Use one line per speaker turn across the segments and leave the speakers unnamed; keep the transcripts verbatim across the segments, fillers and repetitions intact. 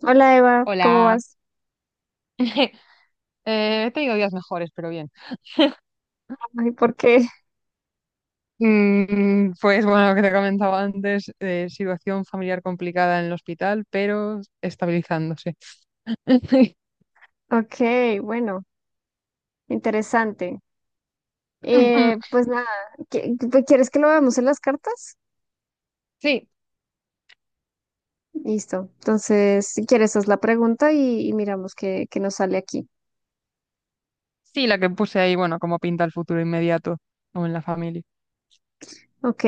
Hola Eva, ¿cómo
Hola.
vas?
Eh, he tenido días mejores, pero bien.
Ay, ¿por qué?
Mm, pues bueno, lo que te comentaba antes, eh, situación familiar complicada en el hospital, pero estabilizándose.
Ok, bueno, interesante. Eh, pues nada, ¿qui- qui- ¿quieres que lo veamos en las cartas?
Sí,
Listo. Entonces, si quieres, haz la pregunta y, y miramos qué, qué nos sale aquí.
sí, la que puse ahí, bueno, como pinta el futuro inmediato o en la familia.
Ok,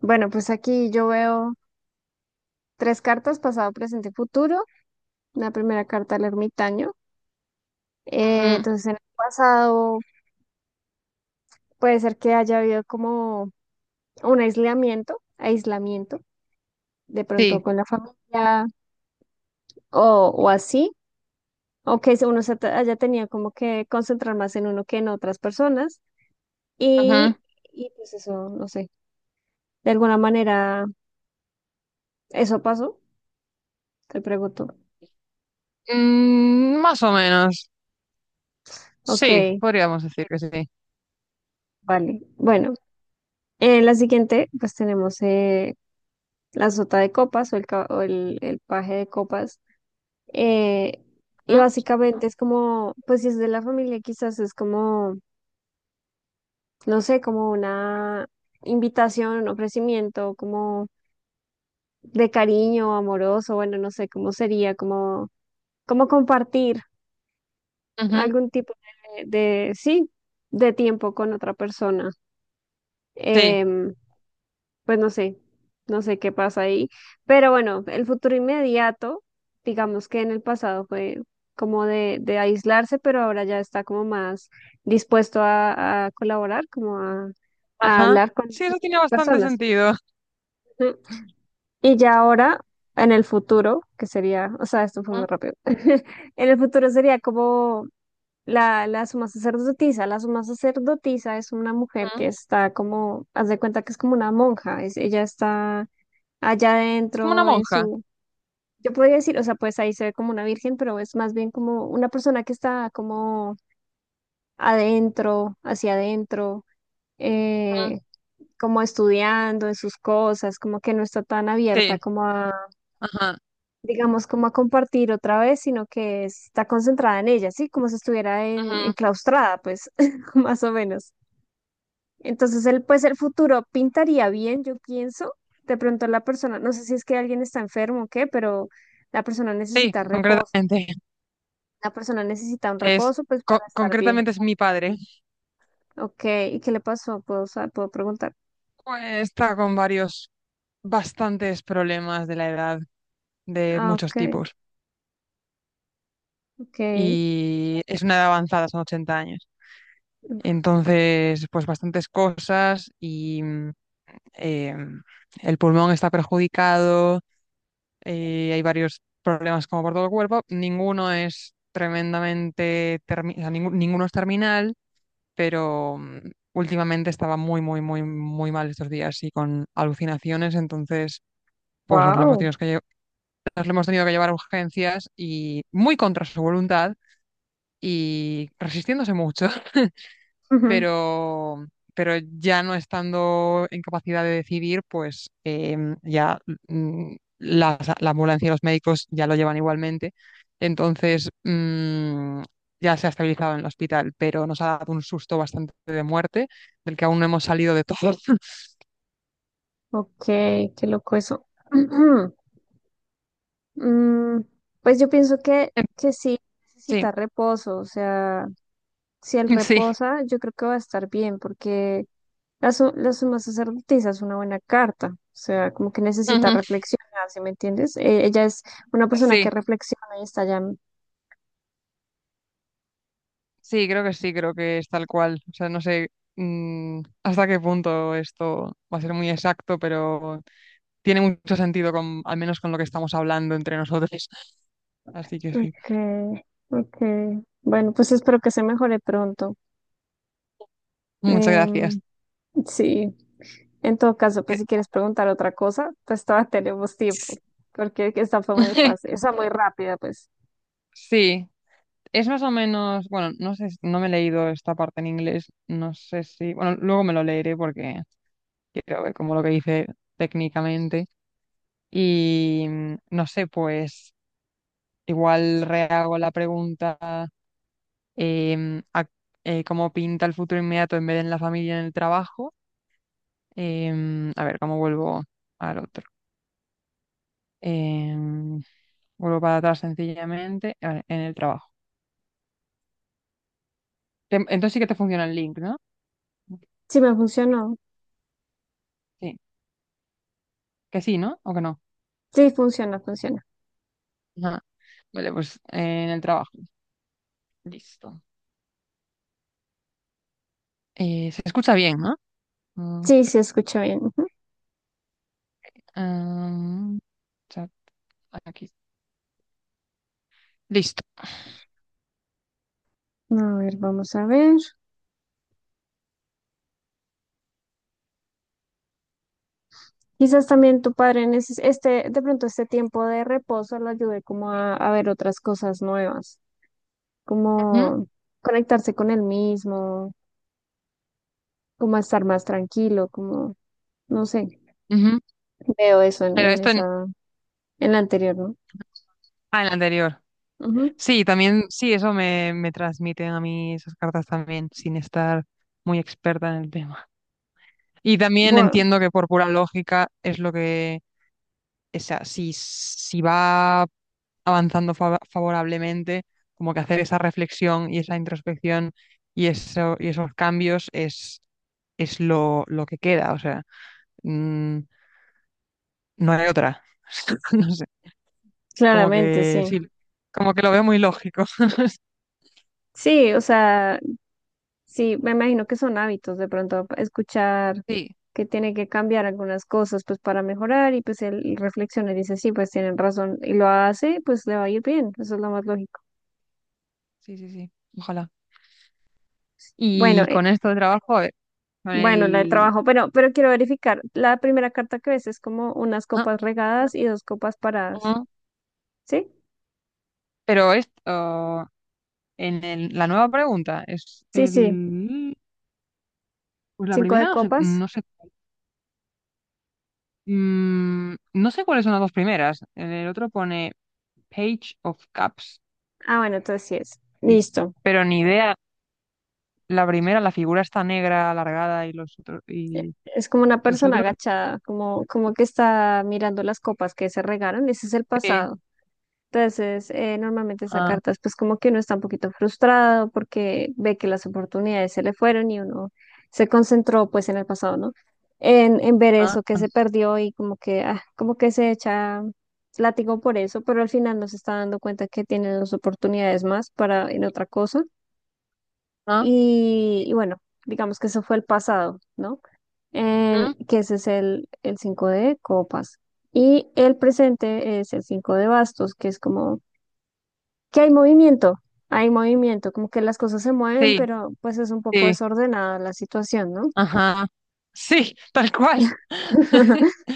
bueno, pues aquí yo veo tres cartas, pasado, presente y futuro. La primera carta, el ermitaño. Eh,
Ujú.
entonces, en el pasado puede ser que haya habido como un aislamiento, aislamiento, de pronto
Sí,
con la familia o, o así. O que se- uno se te- allá tenía como que concentrar más en uno que en otras personas
ujú.
y, y pues eso, no sé, de alguna manera, ¿eso pasó? Te pregunto.
Mm, más o menos. Sí,
Ok,
podríamos decir que sí.
vale. Bueno, en la siguiente pues tenemos eh, la sota de copas o el, ca- o el, el paje de copas, eh, y
Ujú,
básicamente es como, pues si es de la familia quizás es como, no sé, como una invitación, un ofrecimiento, como de cariño, amoroso, bueno, no sé cómo sería, como, como compartir
ujú.
algún tipo de, de- sí, de tiempo con otra persona.
Sí,
Em, pues no sé, no sé qué pasa ahí, pero bueno, el futuro inmediato, digamos que en el pasado fue como de, de aislarse, pero ahora ya está como más dispuesto a, a colaborar, como a, a
ajá.
hablar con
Sí, eso tiene
las
bastante
personas.
sentido.
Y ya ahora, en el futuro, que sería, o sea, esto fue
Ujú,
muy rápido, en el futuro sería como la, la suma sacerdotisa. La suma sacerdotisa es una mujer
ujú.
que está como, haz de cuenta que es como una monja, es- ella está allá
Es como una
adentro en
monja.
su, yo podría decir, o sea, pues ahí se ve como una virgen, pero es más bien como una persona que está como adentro, hacia adentro,
Ujú.
eh, como estudiando en sus cosas, como que no está tan abierta
Sí,
como
ajá.
digamos, como a compartir otra vez, sino que está concentrada en ella, ¿sí? Como si estuviera en,
Ujú.
enclaustrada, pues, más o menos. Entonces, él, pues, el futuro pintaría bien, yo pienso. De pronto la persona, no sé si es que alguien está enfermo o qué, pero la persona
Sí,
necesita reposo.
concretamente.
La persona necesita un
Es,
reposo, pues,
co-
para estar bien.
concretamente es mi padre.
Ok, ¿y qué le pasó? ¿Puedo, sa- puedo preguntar?
Pues está con varios, bastantes problemas de la edad, de
Ah,
muchos
ok,
tipos.
ok.
Y es una edad avanzada, son ochenta años. Entonces, pues bastantes cosas y mm, eh, el pulmón está perjudicado, eh, hay varios problemas como por todo el cuerpo. Ninguno es tremendamente, termi- o sea, ningú- ninguno es terminal, pero mm, últimamente estaba muy, muy, muy, muy mal estos días y con alucinaciones, entonces pues nos lo hemos
Wow.
tenido que, lle- nos lo hemos tenido que llevar a urgencias y muy contra su voluntad y resistiéndose mucho, pero, pero ya no estando en capacidad de decidir, pues em, ya mm, las- la ambulancia y los médicos ya lo llevan igualmente. Entonces, mm, ya se ha estabilizado en el hospital, pero nos ha dado un susto bastante de muerte, del que aún no hemos salido de todo.
Ok, qué loco eso. Mm, pues yo pienso que,
Em,
que sí
Sí,
necesita reposo, o sea, si él
sí,
reposa, yo creo que va a estar bien, porque la, su- la suma sacerdotisa es una buena carta, o sea, como que necesita
ujú.
reflexionar, ¿sí me entiendes? Eh, ella es una persona que
Sí,
reflexiona y está ya.
sí, creo que sí, creo que es tal cual. O sea, no sé mm, hasta qué punto esto va a ser muy exacto, pero tiene mucho sentido, con, al menos con lo que estamos hablando entre nosotros. Así que sí.
Ok, ok. Bueno, pues espero que se mejore pronto.
Muchas gracias.
Em, sí, en todo caso, pues si quieres preguntar otra cosa, pues todavía tenemos tiempo, porque esta fue muy fácil, o sea, muy rápida, pues.
Sí, es más o menos, bueno, no sé, si- no me he leído esta parte en inglés, no sé si, bueno, luego me lo leeré porque quiero ver como lo que dice técnicamente y mm, no sé, pues igual rehago la pregunta, em, a- eh, cómo pinta el futuro inmediato en vez de en la familia, en el trabajo. Em, a ver, ¿cómo vuelvo al otro? em, Vuelvo para atrás sencillamente, vale, en el trabajo. Te- Entonces sí que te funciona el link, ¿no?
Sí, me funcionó.
Sí, que sí, ¿no? ¿O que no?
Sí, funciona, funciona.
Ajá. Vale, pues eh, en el trabajo. Listo. Eh, se escucha bien, ¿no? Mm,
Sí, se escucha bien.
am, Chat, aquí. Listo.
Ujú. A ver, vamos a ver. Quizás también tu padre en ese- este, de pronto este tiempo de reposo lo ayude como a, a ver otras cosas nuevas,
Ujú,
como conectarse con él mismo, como a estar más tranquilo, como, no sé,
ujú.
veo eso en,
Pero
en
esto en,
esa, en la anterior, ¿no?
ah, en el anterior.
Ujú.
Sí, también, sí, eso me, me transmiten a mí esas cartas también, sin estar muy experta en el tema. Y también
Bueno,
entiendo que por pura lógica es lo que, o sea, si, si va avanzando fa- favorablemente, como que hacer esa reflexión y esa introspección y, eso, y esos cambios es, es lo, lo que queda, o sea, mm, no hay otra. No sé, como
claramente,
que
sí.
sí, como que lo veo muy lógico.
Sí, o sea, sí, me imagino que son hábitos de pronto escuchar
Sí,
que tiene que cambiar algunas cosas pues para mejorar y pues él reflexiona y dice, sí, pues tienen razón y lo hace, pues le va a ir bien, eso es lo más lógico.
sí, sí, sí, ojalá.
Bueno,
Y
eh,
con esto de trabajo, a ver, con
bueno, la de
el...
trabajo, pero, pero quiero verificar, la primera carta que ves es como unas
Ah,
copas
bueno,
regadas y dos copas paradas,
ah.
¿sí?
Pero esto... En el- la nueva pregunta es
Sí, sí,
el... Pues la
cinco
primera
de
no sé,
copas.
no sé, mm, no sé cuáles son las dos primeras. En el otro pone Page of Cups,
Ah, bueno, entonces sí es. Listo.
pero ni idea. La primera, la figura está negra, alargada y los otros y
Es como una
los
persona
otros.
agachada, como, como que está mirando las copas que se regaron, ese es el
Sí.
pasado. Entonces, eh, normalmente esa
Ah,
carta es pues como que uno está un poquito frustrado porque ve que las oportunidades se le fueron y uno se concentró pues en el pasado, ¿no? En, en ver
ah,
eso que
ah,
se perdió y como que, ah, como que se echa látigo por eso, pero al final no se está dando cuenta que tiene dos oportunidades más para en otra cosa.
ah.
Y, y bueno, digamos que eso fue el pasado, ¿no? En,
mm,
que ese es el, el cinco de copas. Y el presente es el cinco de bastos, que es como que hay movimiento, hay movimiento, como que las cosas se mueven,
Sí,
pero pues es un poco
sí,
desordenada la situación, ¿no?
ajá, sí, tal cual.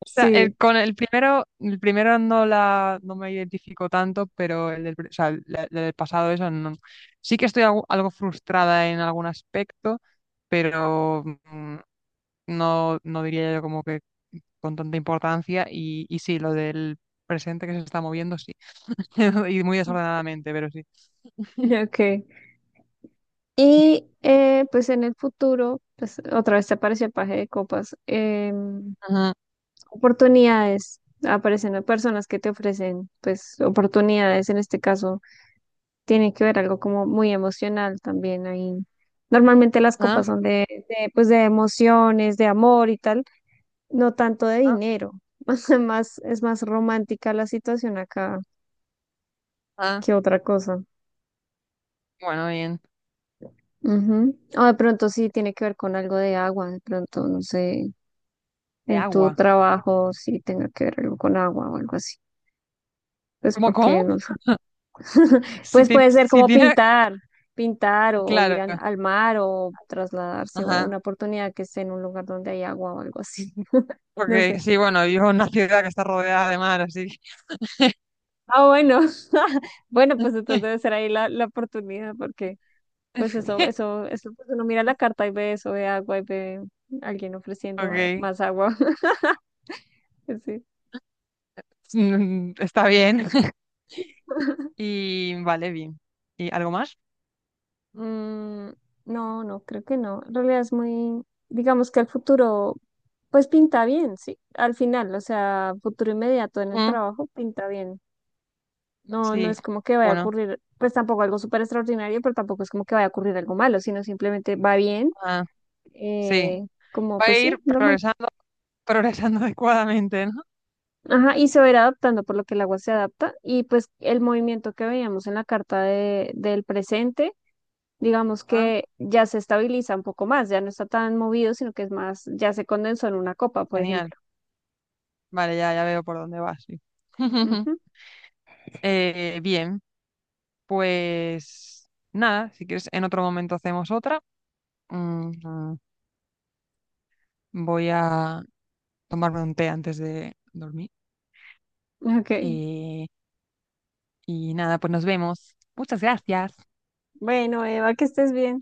O sea,
Sí,
el, con el primero, el primero no la no me identifico tanto, pero el del, pri- o sea, el- el del pasado eso no. Sí que estoy algo, algo frustrada en algún aspecto, pero mm, no, no diría yo como que con tanta importancia. Y, y sí, lo del presente que se está moviendo, sí. Y muy desordenadamente, pero sí.
ok. Y eh, pues en el futuro, pues otra vez te apareció el paje de copas, em,
Ajá,
oportunidades, aparecen personas que te ofrecen pues oportunidades, en este caso tiene que ver algo como muy emocional también ahí. Normalmente las
ah,
copas son de, de, pues de emociones, de amor y tal. No tanto de
ah,
dinero, más, más- es más romántica la situación acá
ah.
que otra cosa.
Bueno, bien.
Ujú. O de pronto sí tiene que ver con algo de agua, de pronto, no sé,
De
en tu
agua.
trabajo sí tenga que ver algo con agua o algo así. Pues
¿Cómo,
porque,
cómo?
no sé.
Si,
Pues
tiene-
puede ser
si
como
tiene,
pintar, pintar o ir
claro.
al al mar o trasladarse o
Ajá.
una oportunidad que esté en un lugar donde hay agua o algo así.
Ok,
No sé.
sí, bueno, vivo en una ciudad que está rodeada de mar, así
Ah, bueno. Bueno, pues entonces
que...
debe ser ahí la, la oportunidad porque... Pues eso, eso, eso, pues uno mira la carta y ve eso, ve agua y ve alguien ofreciendo eh,
Ok,
más agua. Sí.
mm, está bien. Y vale, bien. ¿Y algo más?
Mm, no, no, creo que no. En realidad es muy, digamos que el futuro, pues pinta bien, sí. Al final, o sea, futuro inmediato en el
Mm,
trabajo pinta bien. No, no
sí,
es como que vaya a
bueno,
ocurrir, pues tampoco algo súper extraordinario, pero tampoco es como que vaya a ocurrir algo malo, sino simplemente va bien,
ah, sí.
eh, como
Va a
pues
ir
sí, normal.
progresando, progresando adecuadamente, ¿no?
Ajá, y se va a ir adaptando, por lo que el agua se adapta. Y pues el movimiento que veíamos en la carta de, del presente, digamos
Ah,
que ya se estabiliza un poco más, ya no está tan movido, sino que es más, ya se condensó en una copa, por
genial.
ejemplo.
Vale, ya, ya veo por dónde vas. Sí.
Ujú.
Eh, bien, pues nada, si quieres, en otro momento hacemos otra. Mm, Voy a tomarme un té antes de dormir.
Ok.
Eh, Y nada, pues nos vemos. Muchas gracias.
Bueno, Eva, que estés bien.